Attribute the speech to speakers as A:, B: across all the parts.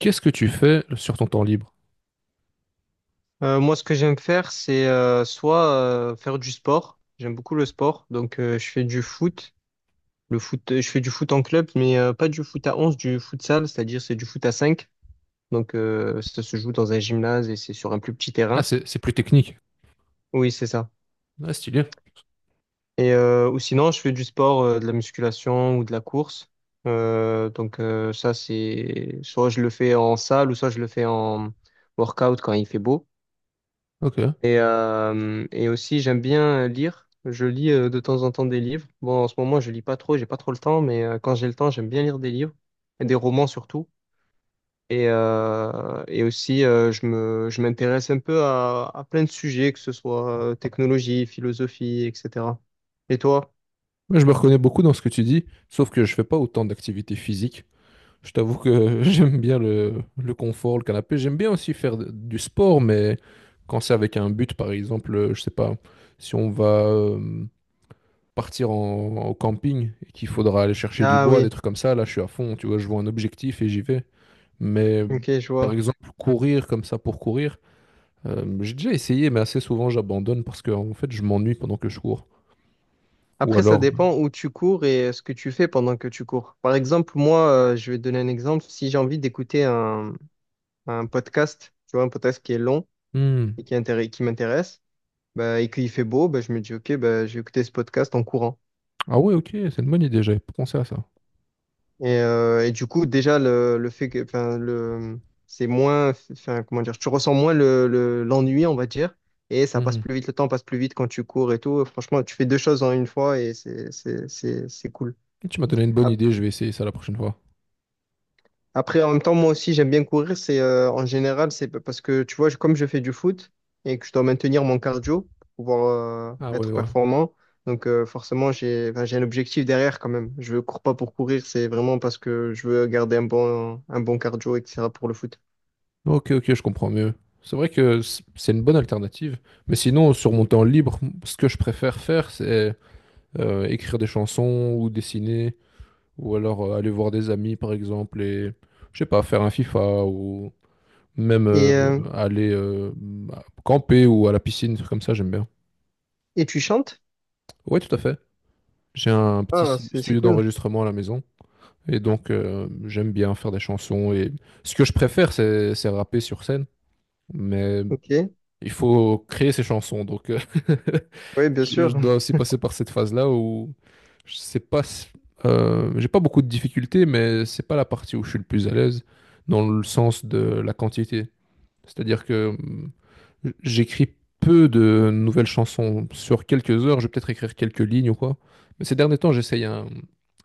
A: Qu'est-ce que tu fais sur ton temps libre?
B: Moi, ce que j'aime faire, c'est soit faire du sport. J'aime beaucoup le sport, donc je fais du foot. Le foot, je fais du foot en club, mais pas du foot à 11, du futsal, c'est-à-dire c'est du foot à 5. Donc ça se joue dans un gymnase et c'est sur un plus petit
A: Ah,
B: terrain.
A: c'est plus technique.
B: Oui, c'est ça.
A: Ah, stylé.
B: Ou sinon, je fais du sport, de la musculation ou de la course. Donc ça, c'est soit je le fais en salle ou soit je le fais en workout quand il fait beau.
A: Ok.
B: Et aussi, j'aime bien lire. Je lis de temps en temps des livres. Bon, en ce moment, je lis pas trop, j'ai pas trop le temps, mais quand j'ai le temps, j'aime bien lire des livres, et des romans surtout. Et aussi, je m'intéresse un peu à plein de sujets, que ce soit technologie, philosophie, etc. Et toi?
A: Moi, je me reconnais beaucoup dans ce que tu dis, sauf que je fais pas autant d'activités physiques. Je t'avoue que j'aime bien le confort, le canapé. J'aime bien aussi faire du sport, mais quand c'est avec un but, par exemple, je sais pas, si on va partir au camping et qu'il faudra aller chercher du
B: Ah
A: bois, des
B: oui,
A: trucs comme ça, là, je suis à fond. Tu vois, je vois un objectif et j'y vais. Mais
B: ok, je
A: par
B: vois.
A: exemple, courir comme ça pour courir. J'ai déjà essayé, mais assez souvent j'abandonne parce que en fait je m'ennuie pendant que je cours. Ou
B: Après, ça
A: alors,
B: dépend où tu cours et ce que tu fais pendant que tu cours. Par exemple, moi, je vais te donner un exemple. Si j'ai envie d'écouter un podcast, tu vois, un podcast qui est long,
A: Hmm.
B: et qui qui m'intéresse, bah, et qu'il fait beau, bah, je me dis, OK, bah, je vais écouter ce podcast en courant.
A: Ah ouais, ok, c'est une bonne idée, j'avais pas pensé à ça.
B: Et du coup, déjà, le fait que, enfin, le, c'est moins, enfin, comment dire, tu ressens moins l'ennui, on va dire, et ça passe
A: Mhm.
B: plus vite, le temps passe plus vite quand tu cours et tout. Franchement, tu fais deux choses en une fois et c'est cool.
A: Et tu m'as donné une bonne idée, je vais essayer ça la prochaine fois.
B: Après, en même temps, moi aussi, j'aime bien courir. C'est en général, c'est parce que tu vois, comme je fais du foot et que je dois maintenir mon cardio pour pouvoir
A: Ah ouais,
B: être
A: ouais.
B: performant, donc forcément, j'ai un objectif derrière quand même. Je ne cours pas pour courir, c'est vraiment parce que je veux garder un bon cardio, etc. pour le foot.
A: Ok, ok, je comprends mieux. C'est vrai que c'est une bonne alternative. Mais sinon, sur mon temps libre, ce que je préfère faire, c'est écrire des chansons ou dessiner, ou alors aller voir des amis, par exemple, et je sais pas, faire un FIFA ou Même
B: Et, euh,
A: aller bah, camper ou à la piscine, des trucs comme ça, j'aime bien.
B: et tu chantes?
A: Oui, tout à fait. J'ai un petit
B: Ah, c'est
A: studio
B: cool.
A: d'enregistrement à la maison. Et donc, j'aime bien faire des chansons. Et ce que je préfère, c'est rapper sur scène. Mais
B: Ok.
A: il faut créer ses chansons. Donc,
B: Oui, bien
A: je
B: sûr.
A: dois aussi passer par cette phase-là où je sais pas, j'ai pas beaucoup de difficultés, mais c'est pas la partie où je suis le plus à l'aise dans le sens de la quantité. C'est-à-dire que j'écris peu de nouvelles chansons. Sur quelques heures, je vais peut-être écrire quelques lignes ou quoi. Mais ces derniers temps, j'essaye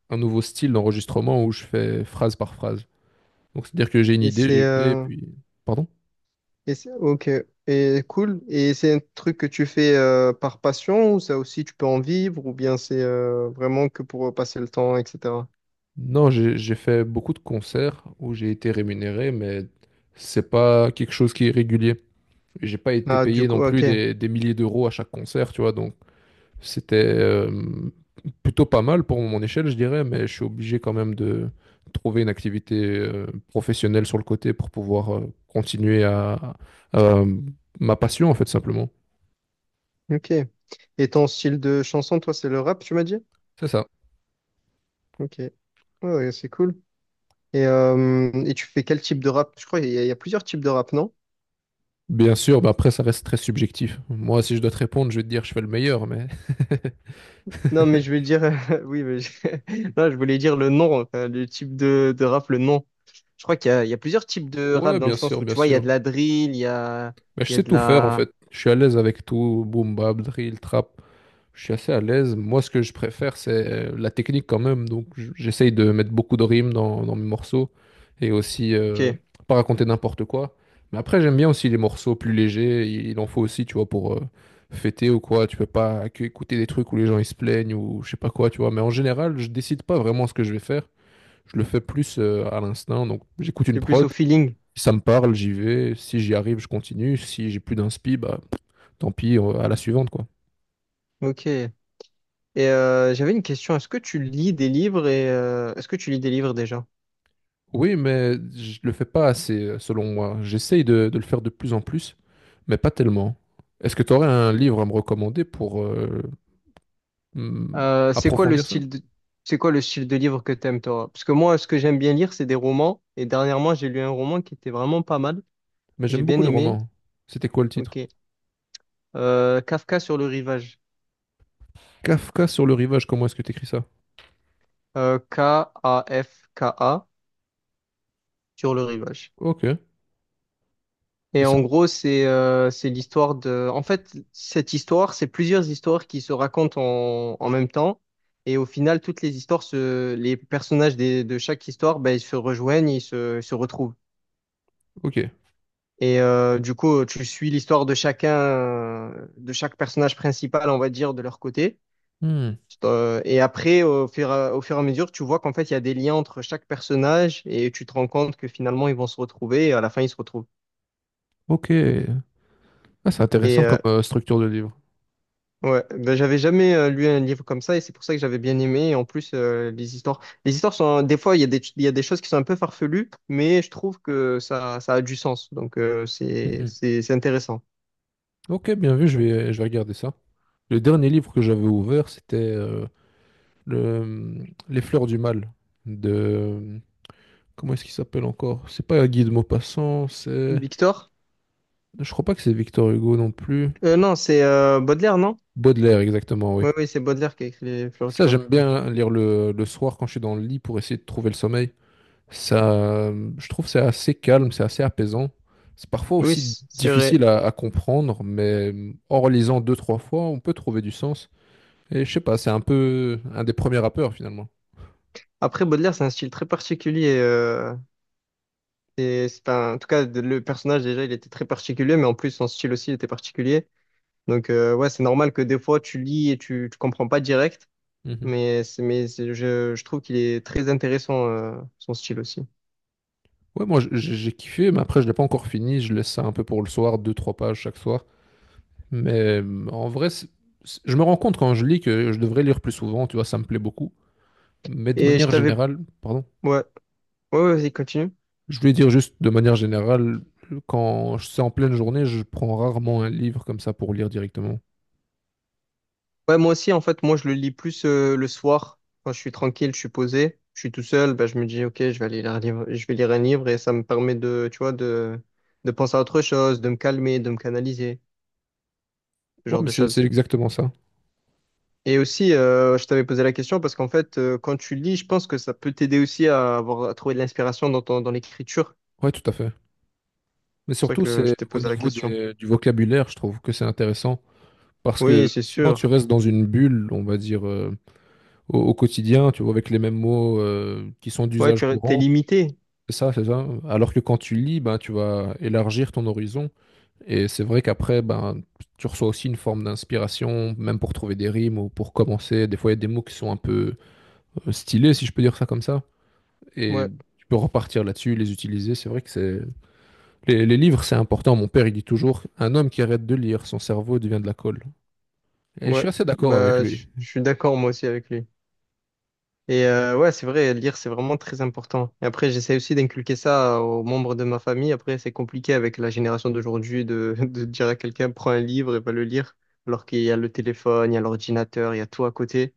A: un nouveau style d'enregistrement où je fais phrase par phrase. Donc, c'est-à-dire que j'ai une
B: Et
A: idée,
B: c'est
A: j'y vais, et
B: euh,
A: puis... Pardon?
B: Et ok, et cool. Et c'est un truc que tu fais par passion ou ça aussi tu peux en vivre ou bien c'est vraiment que pour passer le temps, etc.
A: Non, j'ai fait beaucoup de concerts où j'ai été rémunéré, mais c'est pas quelque chose qui est régulier. Et j'ai pas été
B: Ah, du
A: payé non
B: coup,
A: plus
B: ok,
A: des milliers d'euros à chaque concert, tu vois, donc c'était plutôt pas mal pour mon échelle, je dirais, mais je suis obligé quand même de trouver une activité professionnelle sur le côté pour pouvoir continuer à ma passion, en fait, simplement.
B: ok. Et ton style de chanson, toi, c'est le rap, tu m'as dit?
A: C'est ça.
B: Ok, ouais, ouais, c'est cool. Et tu fais quel type de rap? Je crois qu'il y, a il y a plusieurs types de rap, non?
A: Bien sûr, bah après, ça reste très subjectif. Moi, si je dois te répondre, je vais te dire je fais le meilleur, mais...
B: Non, mais je veux dire, oui, mais je... non, je voulais dire le nom, enfin, le type de rap, le nom. Je crois qu'il y a, il y a plusieurs types de rap
A: Ouais,
B: dans le
A: bien
B: sens
A: sûr,
B: où tu
A: bien
B: vois, il y a de
A: sûr.
B: la drill,
A: Mais je
B: il y a
A: sais
B: de
A: tout faire, en
B: la.
A: fait. Je suis à l'aise avec tout, boom, bap, drill, trap. Je suis assez à l'aise. Moi, ce que je préfère, c'est la technique quand même. Donc, j'essaye de mettre beaucoup de rimes dans mes morceaux et aussi
B: Ok,
A: pas raconter n'importe quoi. Mais après, j'aime bien aussi les morceaux plus légers. Il en faut aussi, tu vois, pour fêter ou quoi. Tu peux pas que écouter des trucs où les gens ils se plaignent ou je sais pas quoi, tu vois. Mais en général, je décide pas vraiment ce que je vais faire. Je le fais plus à l'instinct. Donc, j'écoute une
B: c'est plus
A: prod.
B: au feeling.
A: Si ça me parle, j'y vais. Si j'y arrive, je continue. Si j'ai plus d'inspi, bah, tant pis, à la suivante, quoi.
B: Ok. Et j'avais une question. Est-ce que tu lis des livres et est-ce que tu lis des livres déjà?
A: Oui, mais je le fais pas assez, selon moi. J'essaye de le faire de plus en plus, mais pas tellement. Est-ce que tu aurais un livre à me recommander pour hmm,
B: Euh, c'est quoi le
A: approfondir ça?
B: style de c'est quoi le style de livre que t'aimes toi? Parce que moi, ce que j'aime bien lire, c'est des romans. Et dernièrement, j'ai lu un roman qui était vraiment pas mal,
A: Mais
B: que j'ai
A: j'aime
B: bien
A: beaucoup les
B: aimé.
A: romans. C'était quoi le
B: Ok.
A: titre?
B: Kafka sur le rivage.
A: Kafka sur le rivage, comment est-ce que tu écris ça?
B: K-A-F-K-A sur le rivage.
A: Ok.
B: Et
A: Et ça...
B: en gros, c'est l'histoire de... En fait, cette histoire, c'est plusieurs histoires qui se racontent en même temps. Et au final, toutes les histoires, se... les personnages de chaque histoire, ben, ils se rejoignent, se retrouvent.
A: Ok.
B: Et du coup, tu suis l'histoire de chacun, de chaque personnage principal, on va dire, de leur côté.
A: Hmm.
B: Et après, au fur et à mesure, tu vois qu'en fait, il y a des liens entre chaque personnage et tu te rends compte que finalement, ils vont se retrouver et à la fin, ils se retrouvent.
A: Ok. Ah, c'est
B: Et,
A: intéressant comme structure de livre.
B: ouais, ben, j'avais jamais lu un livre comme ça et c'est pour ça que j'avais bien aimé. Et en plus, les histoires sont des fois il y a des il y a des choses qui sont un peu farfelues, mais je trouve que ça a du sens. Donc
A: Mhm.
B: c'est intéressant.
A: Ok, bien vu,
B: Ouais.
A: je vais regarder ça. Le dernier livre que j'avais ouvert, c'était Les Fleurs du Mal de... Comment est-ce qu'il s'appelle encore? C'est pas Guy de Maupassant, c'est.
B: Victor?
A: Je crois pas que c'est Victor Hugo non plus.
B: Non, c'est Baudelaire, non?
A: Baudelaire, exactement, oui.
B: Oui, oui, c'est Baudelaire qui a écrit les Fleurs du
A: Ça,
B: Mal.
A: j'aime bien lire le soir quand je suis dans le lit pour essayer de trouver le sommeil. Ça, je trouve que c'est assez calme, c'est assez apaisant. C'est parfois
B: Oui,
A: aussi
B: c'est
A: difficile
B: vrai.
A: à comprendre, mais en relisant deux, trois fois, on peut trouver du sens. Et je sais pas, c'est un peu un des premiers rappeurs finalement.
B: Après, Baudelaire, c'est un style très particulier. Et en tout cas, le personnage, déjà, il était très particulier, mais en plus, son style aussi, il était particulier. Donc, ouais, c'est normal que des fois, tu lis et tu comprends pas direct.
A: Mhm.
B: Mais je trouve qu'il est très intéressant, son style aussi.
A: Ouais, moi j'ai kiffé, mais après je l'ai pas encore fini. Je laisse ça un peu pour le soir, deux, trois pages chaque soir. Mais en vrai, je me rends compte quand je lis que je devrais lire plus souvent, tu vois, ça me plaît beaucoup. Mais de
B: Et je
A: manière
B: t'avais...
A: générale, pardon,
B: Ouais, ouais, ouais, vas-y, continue.
A: je voulais dire juste de manière générale, quand c'est en pleine journée, je prends rarement un livre comme ça pour lire directement.
B: Ouais, moi aussi, en fait, moi, je le lis plus le soir, quand je suis tranquille, je suis posé, je suis tout seul, bah, je me dis, OK, je vais aller lire un livre, je vais lire un livre et ça me permet tu vois, de penser à autre chose, de me calmer, de me canaliser, ce
A: Ouais,
B: genre
A: mais
B: de
A: c'est
B: choses.
A: exactement ça.
B: Et aussi, je t'avais posé la question parce qu'en fait, quand tu lis, je pense que ça peut t'aider aussi à avoir, à trouver de l'inspiration dans ton, dans l'écriture.
A: Ouais, tout à fait. Mais
B: C'est pour ça
A: surtout,
B: que je
A: c'est
B: t'ai
A: au
B: posé la
A: niveau
B: question.
A: du vocabulaire, je trouve que c'est intéressant. Parce
B: Oui,
A: que
B: c'est
A: sinon, tu
B: sûr.
A: restes dans une bulle, on va dire, au quotidien, tu vois, avec les mêmes mots qui sont
B: Ouais,
A: d'usage
B: tu es
A: courant.
B: limité.
A: C'est ça, c'est ça. Alors que quand tu lis, ben, tu vas élargir ton horizon. Et c'est vrai qu'après, ben, tu reçois aussi une forme d'inspiration, même pour trouver des rimes ou pour commencer. Des fois, il y a des mots qui sont un peu stylés, si je peux dire ça comme ça. Et
B: Ouais,
A: tu peux repartir là-dessus, les utiliser. C'est vrai que c'est... Les livres, c'est important. Mon père, il dit toujours, un homme qui arrête de lire, son cerveau devient de la colle. Et je
B: ouais.
A: suis assez d'accord avec
B: Bah,
A: lui.
B: je suis d'accord moi aussi avec lui. Et ouais, c'est vrai, lire, c'est vraiment très important. Et après, j'essaie aussi d'inculquer ça aux membres de ma famille. Après, c'est compliqué avec la génération d'aujourd'hui de dire à quelqu'un, prends un livre et va le lire, alors qu'il y a le téléphone, il y a l'ordinateur, il y a tout à côté.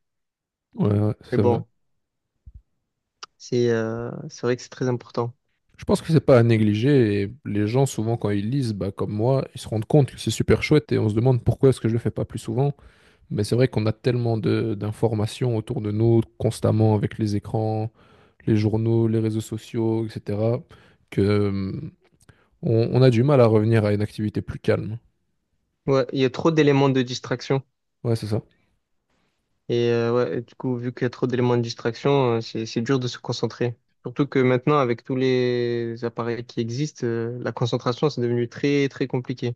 A: Ouais, ouais,
B: Mais
A: c'est vrai.
B: bon, c'est vrai que c'est très important.
A: Je pense que c'est pas à négliger et les gens souvent quand ils lisent, bah, comme moi, ils se rendent compte que c'est super chouette et on se demande pourquoi est-ce que je le fais pas plus souvent. Mais c'est vrai qu'on a tellement de d'informations autour de nous constamment avec les écrans, les journaux, les réseaux sociaux, etc. que on a du mal à revenir à une activité plus calme.
B: Ouais, il y a trop d'éléments de distraction.
A: Ouais, c'est ça.
B: Et ouais, et du coup, vu qu'il y a trop d'éléments de distraction, c'est dur de se concentrer. Surtout que maintenant, avec tous les appareils qui existent, la concentration, c'est devenu très, très compliqué.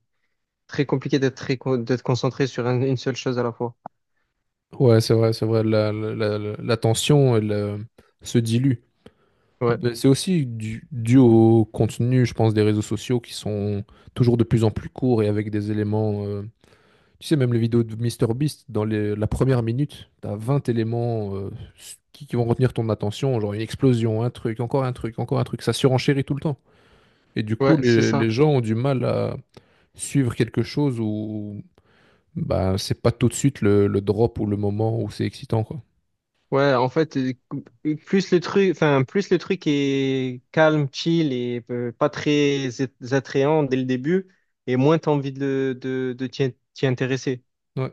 B: Très compliqué d'être d'être concentré sur une seule chose à la fois.
A: Ouais, c'est vrai, c'est vrai. La tension, elle, se dilue.
B: Ouais,
A: Mais c'est aussi dû au contenu, je pense, des réseaux sociaux qui sont toujours de plus en plus courts et avec des éléments. Tu sais, même les vidéos de MrBeast, dans la première minute, t'as 20 éléments qui vont retenir ton attention, genre une explosion, un truc, encore un truc, encore un truc. Ça surenchérit tout le temps. Et du coup,
B: ouais, c'est ça.
A: les gens ont du mal à suivre quelque chose où bah, c'est pas tout de suite le drop ou le moment où c'est excitant, quoi.
B: Ouais, en fait, plus le truc est calme, chill et pas très attrayant dès le début, et moins t'as envie de t'y intéresser.
A: Ouais.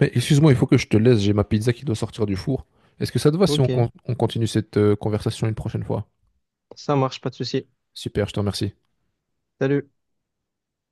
A: Mais excuse-moi, il faut que je te laisse, j'ai ma pizza qui doit sortir du four. Est-ce que ça te va si
B: Ok,
A: on continue cette conversation une prochaine fois?
B: ça marche, pas de souci.
A: Super, je te remercie.
B: Salut.